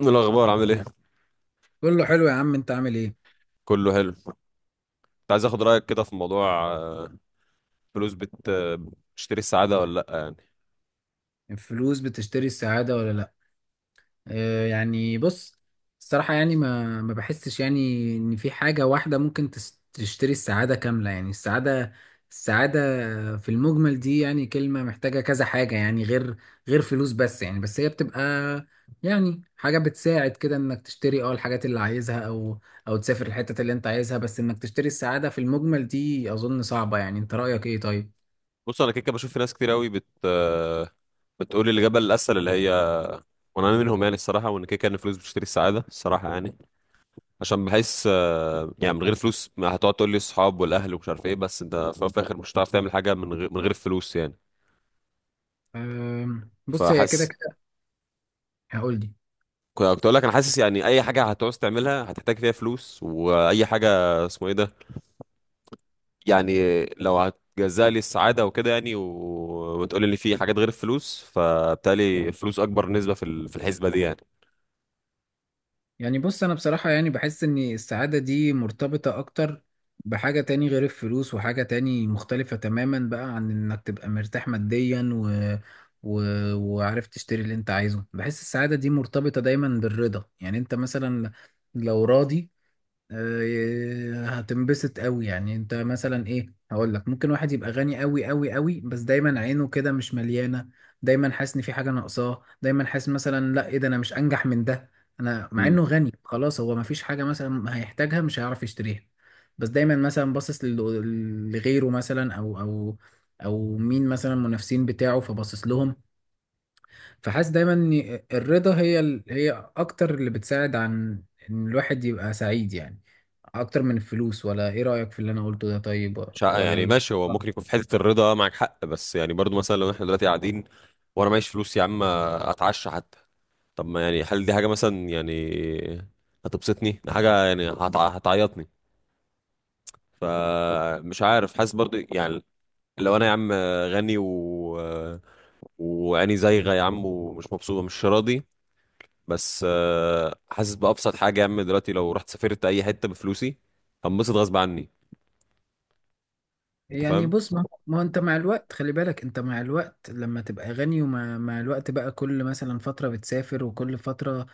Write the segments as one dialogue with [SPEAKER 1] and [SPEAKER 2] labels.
[SPEAKER 1] إيه الأخبار عامل إيه؟
[SPEAKER 2] كله حلو يا عم، انت عامل ايه؟
[SPEAKER 1] كله حلو. كنت عايز آخد رأيك كده في موضوع فلوس بت آه، بتشتري السعادة ولا لأ يعني.
[SPEAKER 2] الفلوس بتشتري السعادة ولا لا؟ اه يعني بص، الصراحة يعني ما بحسش يعني ان في حاجة واحدة ممكن تشتري السعادة كاملة. يعني السعادة، السعادة في المجمل دي يعني كلمة محتاجة كذا حاجة، يعني غير فلوس. بس يعني بس هي بتبقى يعني حاجة بتساعد كده انك تشتري الحاجات اللي عايزها، او تسافر الحتة اللي انت عايزها. بس انك تشتري السعادة في المجمل دي اظن صعبة. يعني انت رأيك ايه طيب؟
[SPEAKER 1] بص، أنا كده كده بشوف في ناس كتير أوي بت آه، بتقول الإجابة الأسهل اللي هي، وأنا منهم يعني الصراحة، وإن كده كده إن الفلوس بتشتري السعادة الصراحة يعني. عشان بحس يعني من غير فلوس ما هتقعد تقول لي الصحاب والأهل ومش عارف إيه. بس أنت في الأول وفي الآخر مش هتعرف تعمل حاجة من غير الفلوس يعني.
[SPEAKER 2] بص، هي كده،
[SPEAKER 1] فحاسس.
[SPEAKER 2] هقول لي.
[SPEAKER 1] كنت أقول لك أنا حاسس يعني أي حاجة هتعوز تعملها هتحتاج فيها فلوس، وأي حاجة اسمه إيه ده، يعني لو هتجزأ لي السعادة وكده يعني وتقول لي في حاجات غير الفلوس، فبالتالي الفلوس أكبر نسبة في الحسبة دي يعني.
[SPEAKER 2] يعني بص، انا بصراحة يعني بحس ان السعادة دي مرتبطة اكتر بحاجة تاني غير الفلوس، وحاجة تاني مختلفة تماما بقى عن انك تبقى مرتاح ماديا و... وعارف تشتري اللي انت عايزه. بحس السعادة دي مرتبطة دايما بالرضا. يعني انت مثلا لو راضي، هتنبسط قوي. يعني انت مثلا ايه، هقول لك، ممكن واحد يبقى غني قوي قوي قوي بس دايما عينه كده مش مليانه. دايما حاسس ان في حاجه ناقصاه، دايما حاسس مثلا لا ايه ده، انا مش انجح من ده. انا مع
[SPEAKER 1] امم.
[SPEAKER 2] انه غني خلاص، هو ما فيش حاجه مثلا هيحتاجها مش هيعرف يشتريها، بس دايما مثلا باصص لغيره، مثلا او او مين، مثلا المنافسين بتاعه، فباصص لهم. فحاسس دايما ان الرضا هي هي اكتر اللي بتساعد عن ان الواحد يبقى سعيد، يعني اكتر من الفلوس. ولا ايه رأيك في اللي انا قلته ده طيب؟
[SPEAKER 1] مش ع- يعني
[SPEAKER 2] ولا
[SPEAKER 1] ماشي، هو
[SPEAKER 2] لا.
[SPEAKER 1] ممكن يكون في حتة الرضا معاك حق، بس يعني برضو مثلا لو احنا دلوقتي قاعدين وأنا معيش فلوس يا عم أتعشى حتى. طب ما يعني، هل دي حاجة مثلا يعني هتبسطني؟ دي حاجة يعني هتعيطني؟ فمش عارف، حاسس برضو يعني. لو أنا يا عم غني و وعيني زايغة يا عم، ومش مبسوطة مش راضي. بس حاسس بأبسط حاجة يا عم دلوقتي لو رحت سافرت أي حتة بفلوسي هنبسط غصب عني. أنت
[SPEAKER 2] يعني
[SPEAKER 1] فاهم؟
[SPEAKER 2] بص، ما هو انت مع الوقت، خلي بالك، انت مع الوقت لما تبقى غني، ومع الوقت بقى كل مثلا فترة بتسافر، وكل فترة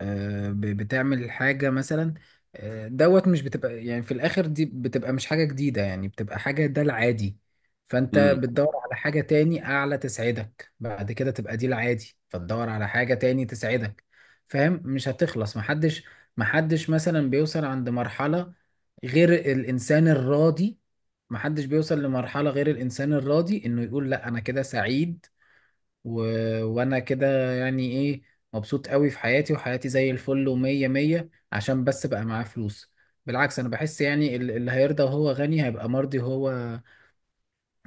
[SPEAKER 2] بتعمل حاجة مثلا. دوت مش بتبقى يعني في الآخر دي بتبقى مش حاجة جديدة، يعني بتبقى حاجة ده العادي. فأنت
[SPEAKER 1] امم.
[SPEAKER 2] بتدور على حاجة تاني أعلى تسعدك، بعد كده تبقى دي العادي فتدور على حاجة تاني تسعدك. فاهم؟ مش هتخلص. محدش مثلا بيوصل عند مرحلة غير الإنسان الراضي. محدش بيوصل لمرحلة غير الإنسان الراضي إنه يقول لأ أنا كده سعيد، و... وأنا كده يعني إيه، مبسوط قوي في حياتي، وحياتي زي الفل ومية مية، عشان بس بقى معاه فلوس. بالعكس، أنا بحس يعني اللي هيرضى وهو غني هيبقى مرضي، وهو،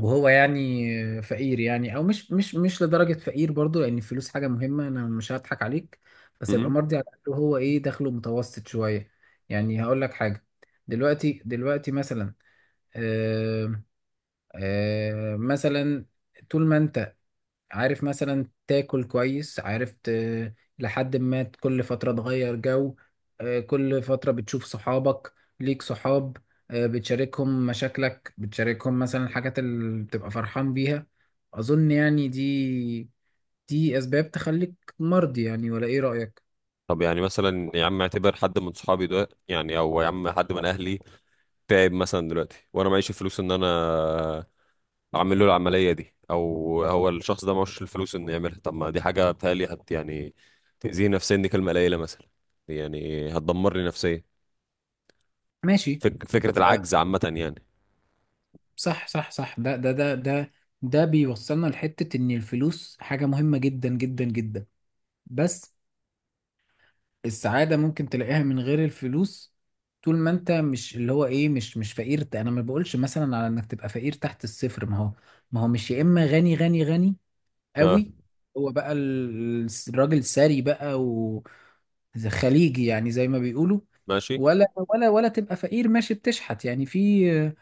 [SPEAKER 2] وهو يعني، فقير. يعني أو مش لدرجة فقير برضو، لأن الفلوس حاجة مهمة، أنا مش هضحك عليك، بس يبقى
[SPEAKER 1] امم.
[SPEAKER 2] مرضي على الأقل وهو إيه، دخله متوسط شوية. يعني هقول لك حاجة، دلوقتي مثلا، آه، مثلا طول ما انت عارف مثلا تاكل كويس، عارف لحد ما كل فترة تغير جو، كل فترة بتشوف صحابك، ليك صحاب، بتشاركهم مشاكلك، بتشاركهم مثلا الحاجات اللي بتبقى فرحان بيها. أظن يعني دي، دي أسباب تخليك مرضي، يعني ولا إيه رأيك؟
[SPEAKER 1] طب يعني مثلا يا عم، اعتبر حد من صحابي ده يعني، أو يا عم حد من أهلي تعب مثلا دلوقتي وأنا معيش فلوس إن أنا أعمل له العملية دي، أو هو الشخص ده معهوش الفلوس إنه يعملها. طب ما دي حاجة بتهيألي يعني تأذيه نفسيا، دي كلمة قليلة مثلا، يعني هتدمر لي نفسيا.
[SPEAKER 2] ماشي.
[SPEAKER 1] فكرة
[SPEAKER 2] آه،
[SPEAKER 1] العجز عامة يعني.
[SPEAKER 2] صح صح صح، ده ده بيوصلنا لحتة إن الفلوس حاجة مهمة جدا جدا جدا، بس السعادة ممكن تلاقيها من غير الفلوس. طول ما انت مش اللي هو ايه، مش فقير. انا ما بقولش مثلا على انك تبقى فقير تحت الصفر، ما هو مش يا اما غني غني غني
[SPEAKER 1] اه.
[SPEAKER 2] قوي، هو بقى الراجل ثري بقى، و خليجي يعني زي ما بيقولوا،
[SPEAKER 1] ماشي.
[SPEAKER 2] ولا تبقى فقير ماشي بتشحت. يعني في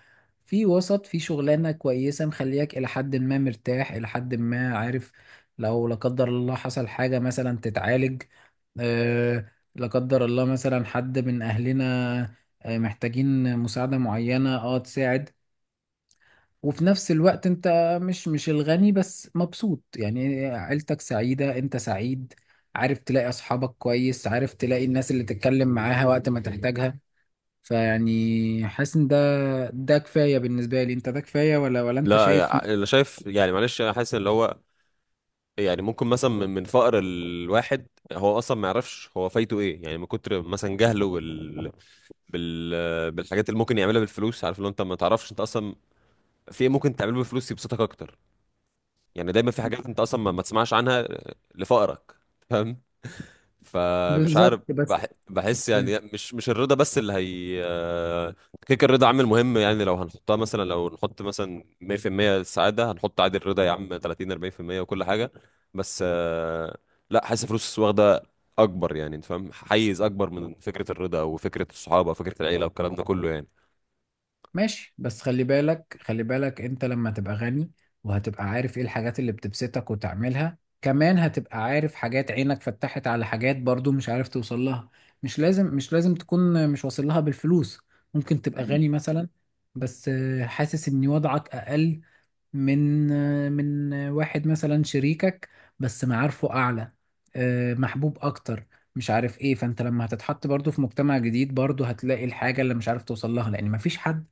[SPEAKER 2] في وسط، في شغلانة كويسة مخلياك إلى حد ما مرتاح، إلى حد ما عارف لو لا قدر الله حصل حاجة مثلا تتعالج، لا قدر الله مثلا حد من اهلنا محتاجين مساعدة معينة، تساعد. وفي نفس الوقت انت مش الغني بس مبسوط، يعني عيلتك سعيدة، انت سعيد، عارف تلاقي اصحابك كويس، عارف تلاقي الناس اللي تتكلم معاها وقت ما تحتاجها. فيعني حاسس ان ده، ده كفاية بالنسبة لي انت، ده كفاية ولا انت
[SPEAKER 1] لا،
[SPEAKER 2] شايف؟
[SPEAKER 1] انا شايف يعني، معلش، انا حاسس اللي هو، يعني ممكن مثلا من فقر الواحد، هو اصلا ما يعرفش هو فايته ايه، يعني من كتر مثلا جهله بالحاجات اللي ممكن يعملها بالفلوس. عارف، لو انت ما تعرفش انت اصلا في ايه ممكن تعمله بالفلوس يبسطك اكتر. يعني دايما في حاجات انت اصلا ما تسمعش عنها لفقرك. فمش عارف
[SPEAKER 2] بالظبط بس.
[SPEAKER 1] بحس يعني مش الرضا بس اللي هي كيك، الرضا عامل مهم يعني. لو هنحطها مثلا، لو نحط مثلا 100% السعادة، هنحط عادي الرضا يا عم 30 40% وكل حاجة. بس لا، حاسس فلوس واخدة اكبر، يعني انت فاهم، حيز اكبر من فكرة الرضا او فكرة الصحابة او فكرة العيلة والكلام ده كله يعني.
[SPEAKER 2] ماشي، بس خلي بالك، خلي بالك انت لما تبقى غني وهتبقى عارف ايه الحاجات اللي بتبسطك وتعملها، كمان هتبقى عارف حاجات عينك فتحت على حاجات برضو مش عارف توصل لها. مش لازم، مش لازم تكون مش واصل لها بالفلوس. ممكن تبقى غني مثلا بس حاسس ان وضعك اقل من، واحد مثلا شريكك بس معارفه اعلى، محبوب اكتر، مش عارف ايه. فانت لما هتتحط برضو في مجتمع جديد برضو هتلاقي الحاجة اللي مش عارف توصل لها، لان مفيش حد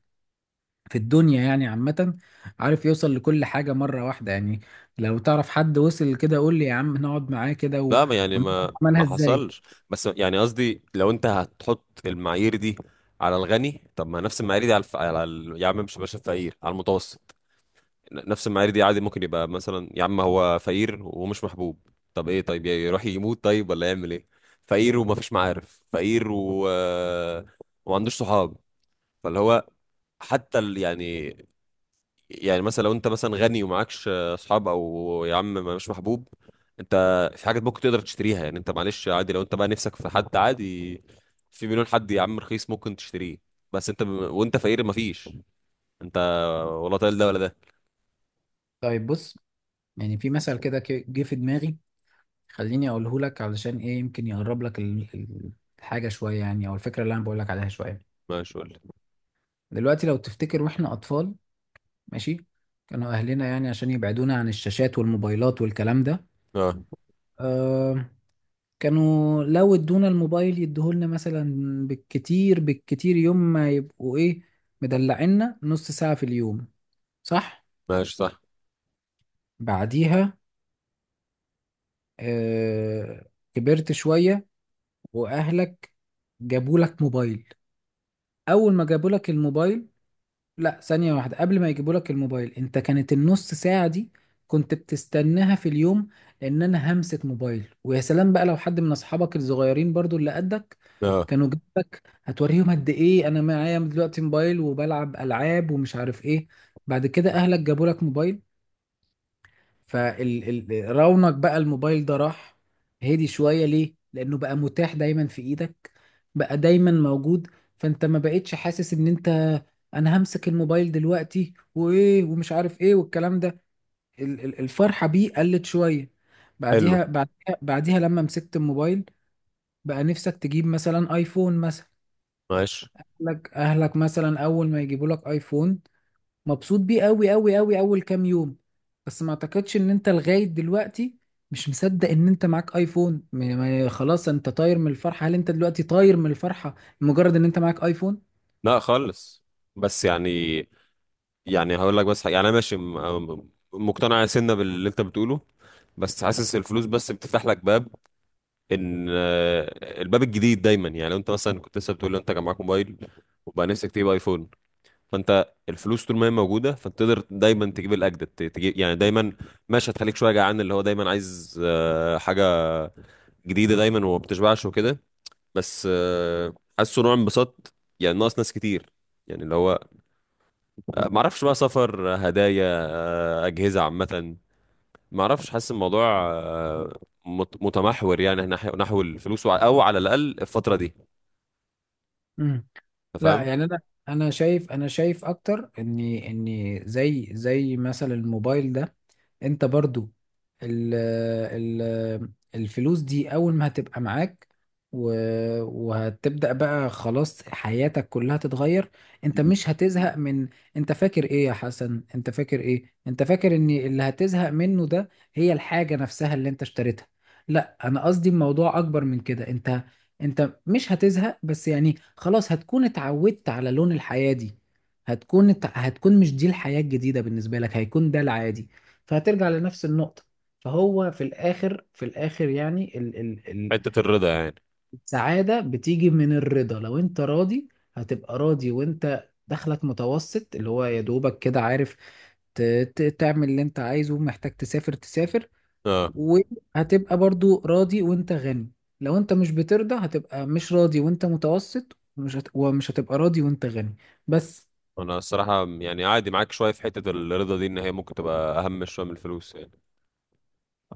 [SPEAKER 2] في الدنيا يعني عامة عارف يوصل لكل حاجة مرة واحدة. يعني لو تعرف حد وصل كده قول لي يا عم نقعد معاه كده
[SPEAKER 1] لا، يعني
[SPEAKER 2] ونشوف
[SPEAKER 1] ما
[SPEAKER 2] عملها
[SPEAKER 1] ما
[SPEAKER 2] ازاي.
[SPEAKER 1] حصلش. بس يعني قصدي، لو انت هتحط المعايير دي على الغني، طب ما نفس المعايير دي على الف... على ال... يا عم مش باشا، الفقير على المتوسط. نفس المعايير دي عادي ممكن يبقى مثلا يا عم هو فقير ومش محبوب. طب ايه، طيب يروح يموت؟ طيب ولا يعمل ايه؟ فقير ومفيش معارف، فقير و وما عندوش صحاب، فاللي هو، حتى ال... يعني يعني مثلا لو انت مثلا غني ومعكش اصحاب او يا عم مش محبوب، انت في حاجات ممكن تقدر تشتريها يعني. انت معلش عادي لو انت بقى نفسك في حد عادي، في مليون حد يا عم رخيص ممكن تشتريه. بس انت وانت فقير مفيش، انت ولا طايل ده ولا ده.
[SPEAKER 2] طيب بص، يعني في مثل كده جه في دماغي، خليني اقوله لك علشان ايه يمكن يقرب لك الحاجة شوية يعني، او الفكرة اللي انا بقول لك عليها شوية.
[SPEAKER 1] ماشي، قول لي.
[SPEAKER 2] دلوقتي لو تفتكر واحنا اطفال، ماشي، كانوا اهلنا يعني عشان يبعدونا عن الشاشات والموبايلات والكلام ده،
[SPEAKER 1] اه،
[SPEAKER 2] آه، كانوا لو ادونا الموبايل يديهولنا مثلا بالكتير بالكتير يوم، ما يبقوا ايه، مدلعنا نص ساعة في اليوم. صح؟
[SPEAKER 1] ماشي صح.
[SPEAKER 2] بعديها كبرت شوية، واهلك جابولك موبايل. اول ما جابولك الموبايل، لا ثانية واحدة، قبل ما يجيبوا لك الموبايل انت كانت النص ساعة دي كنت بتستناها في اليوم، لان انا همسة موبايل ويا سلام. بقى لو حد من اصحابك الصغيرين برضو اللي قدك
[SPEAKER 1] اه،
[SPEAKER 2] كانوا جنبك هتوريهم قد ايه انا معايا دلوقتي موبايل وبلعب العاب ومش عارف ايه. بعد كده اهلك جابوا لك موبايل، فرونق بقى الموبايل ده راح، هدي شوية. ليه؟ لأنه بقى متاح دايما في إيدك، بقى دايما موجود. فأنت ما بقتش حاسس إن أنت، أنا همسك الموبايل دلوقتي وإيه ومش عارف إيه والكلام ده، الفرحة بيه قلت شوية.
[SPEAKER 1] حلو.
[SPEAKER 2] بعديها، بعديها لما مسكت الموبايل، بقى نفسك تجيب مثلا آيفون مثلا.
[SPEAKER 1] ماشي.
[SPEAKER 2] أهلك مثلا أول ما يجيبوا لك آيفون، مبسوط بيه قوي قوي قوي اول كام يوم. بس ما اعتقدش ان انت لغاية دلوقتي مش مصدق ان انت معاك ايفون. خلاص انت طاير من الفرحة. هل انت دلوقتي طاير من الفرحة مجرد ان انت معاك ايفون؟
[SPEAKER 1] لا خالص. بس يعني هقول لك بس حاجة. يعني انا ماشي مقتنع يا سنة باللي انت بتقوله. بس حاسس الفلوس بس بتفتح لك باب، ان الباب الجديد دايما. يعني لو انت مثلا كنت لسه بتقول لي انت كان معاك موبايل وبقى نفسك تجيب ايفون، فانت الفلوس طول ما هي موجوده فانت تقدر دايما تجيب الاجدد، تجيب يعني دايما. ماشي، هتخليك شويه جعان اللي هو دايما عايز حاجه جديده دايما وما بتشبعش وكده. بس حاسه نوع انبساط، يعني ناقص ناس كتير، يعني اللي هو معرفش بقى سفر، هدايا، أجهزة عامة معرفش. حاسس الموضوع آه، متمحور يعني نحو الفلوس أو على الأقل الفترة دي.
[SPEAKER 2] امم.
[SPEAKER 1] أنت
[SPEAKER 2] لا
[SPEAKER 1] فاهم؟
[SPEAKER 2] يعني، انا شايف اكتر اني زي مثلا الموبايل ده. انت برضو، ال ال الفلوس دي اول ما هتبقى معاك، وهتبدأ بقى خلاص حياتك كلها تتغير. انت
[SPEAKER 1] مم.
[SPEAKER 2] مش هتزهق من، انت فاكر ايه يا حسن، انت فاكر ايه، انت فاكر ان اللي هتزهق منه ده هي الحاجة نفسها اللي انت اشتريتها؟ لا، انا قصدي الموضوع اكبر من كده. انت، انت مش هتزهق بس، يعني خلاص هتكون اتعودت على لون الحياة دي. هتكون مش دي الحياة الجديدة بالنسبة لك، هيكون ده العادي. فهترجع لنفس النقطة. فهو في الآخر، في الآخر يعني ال ال ال
[SPEAKER 1] حتة الرضا يعني.
[SPEAKER 2] السعادة بتيجي من الرضا. لو أنت راضي هتبقى راضي وأنت دخلك متوسط، اللي هو يا دوبك كده عارف ت- تعمل اللي أنت عايزه، محتاج تسافر تسافر،
[SPEAKER 1] اه،
[SPEAKER 2] وهتبقى برضو راضي وأنت غني. لو أنت مش بترضى هتبقى مش راضي وأنت متوسط، ومش هتبقى راضي وأنت غني بس.
[SPEAKER 1] أنا الصراحة يعني عادي معاك شوية في حتة الرضا دي إن هي ممكن تبقى أهم شوية من الفلوس يعني.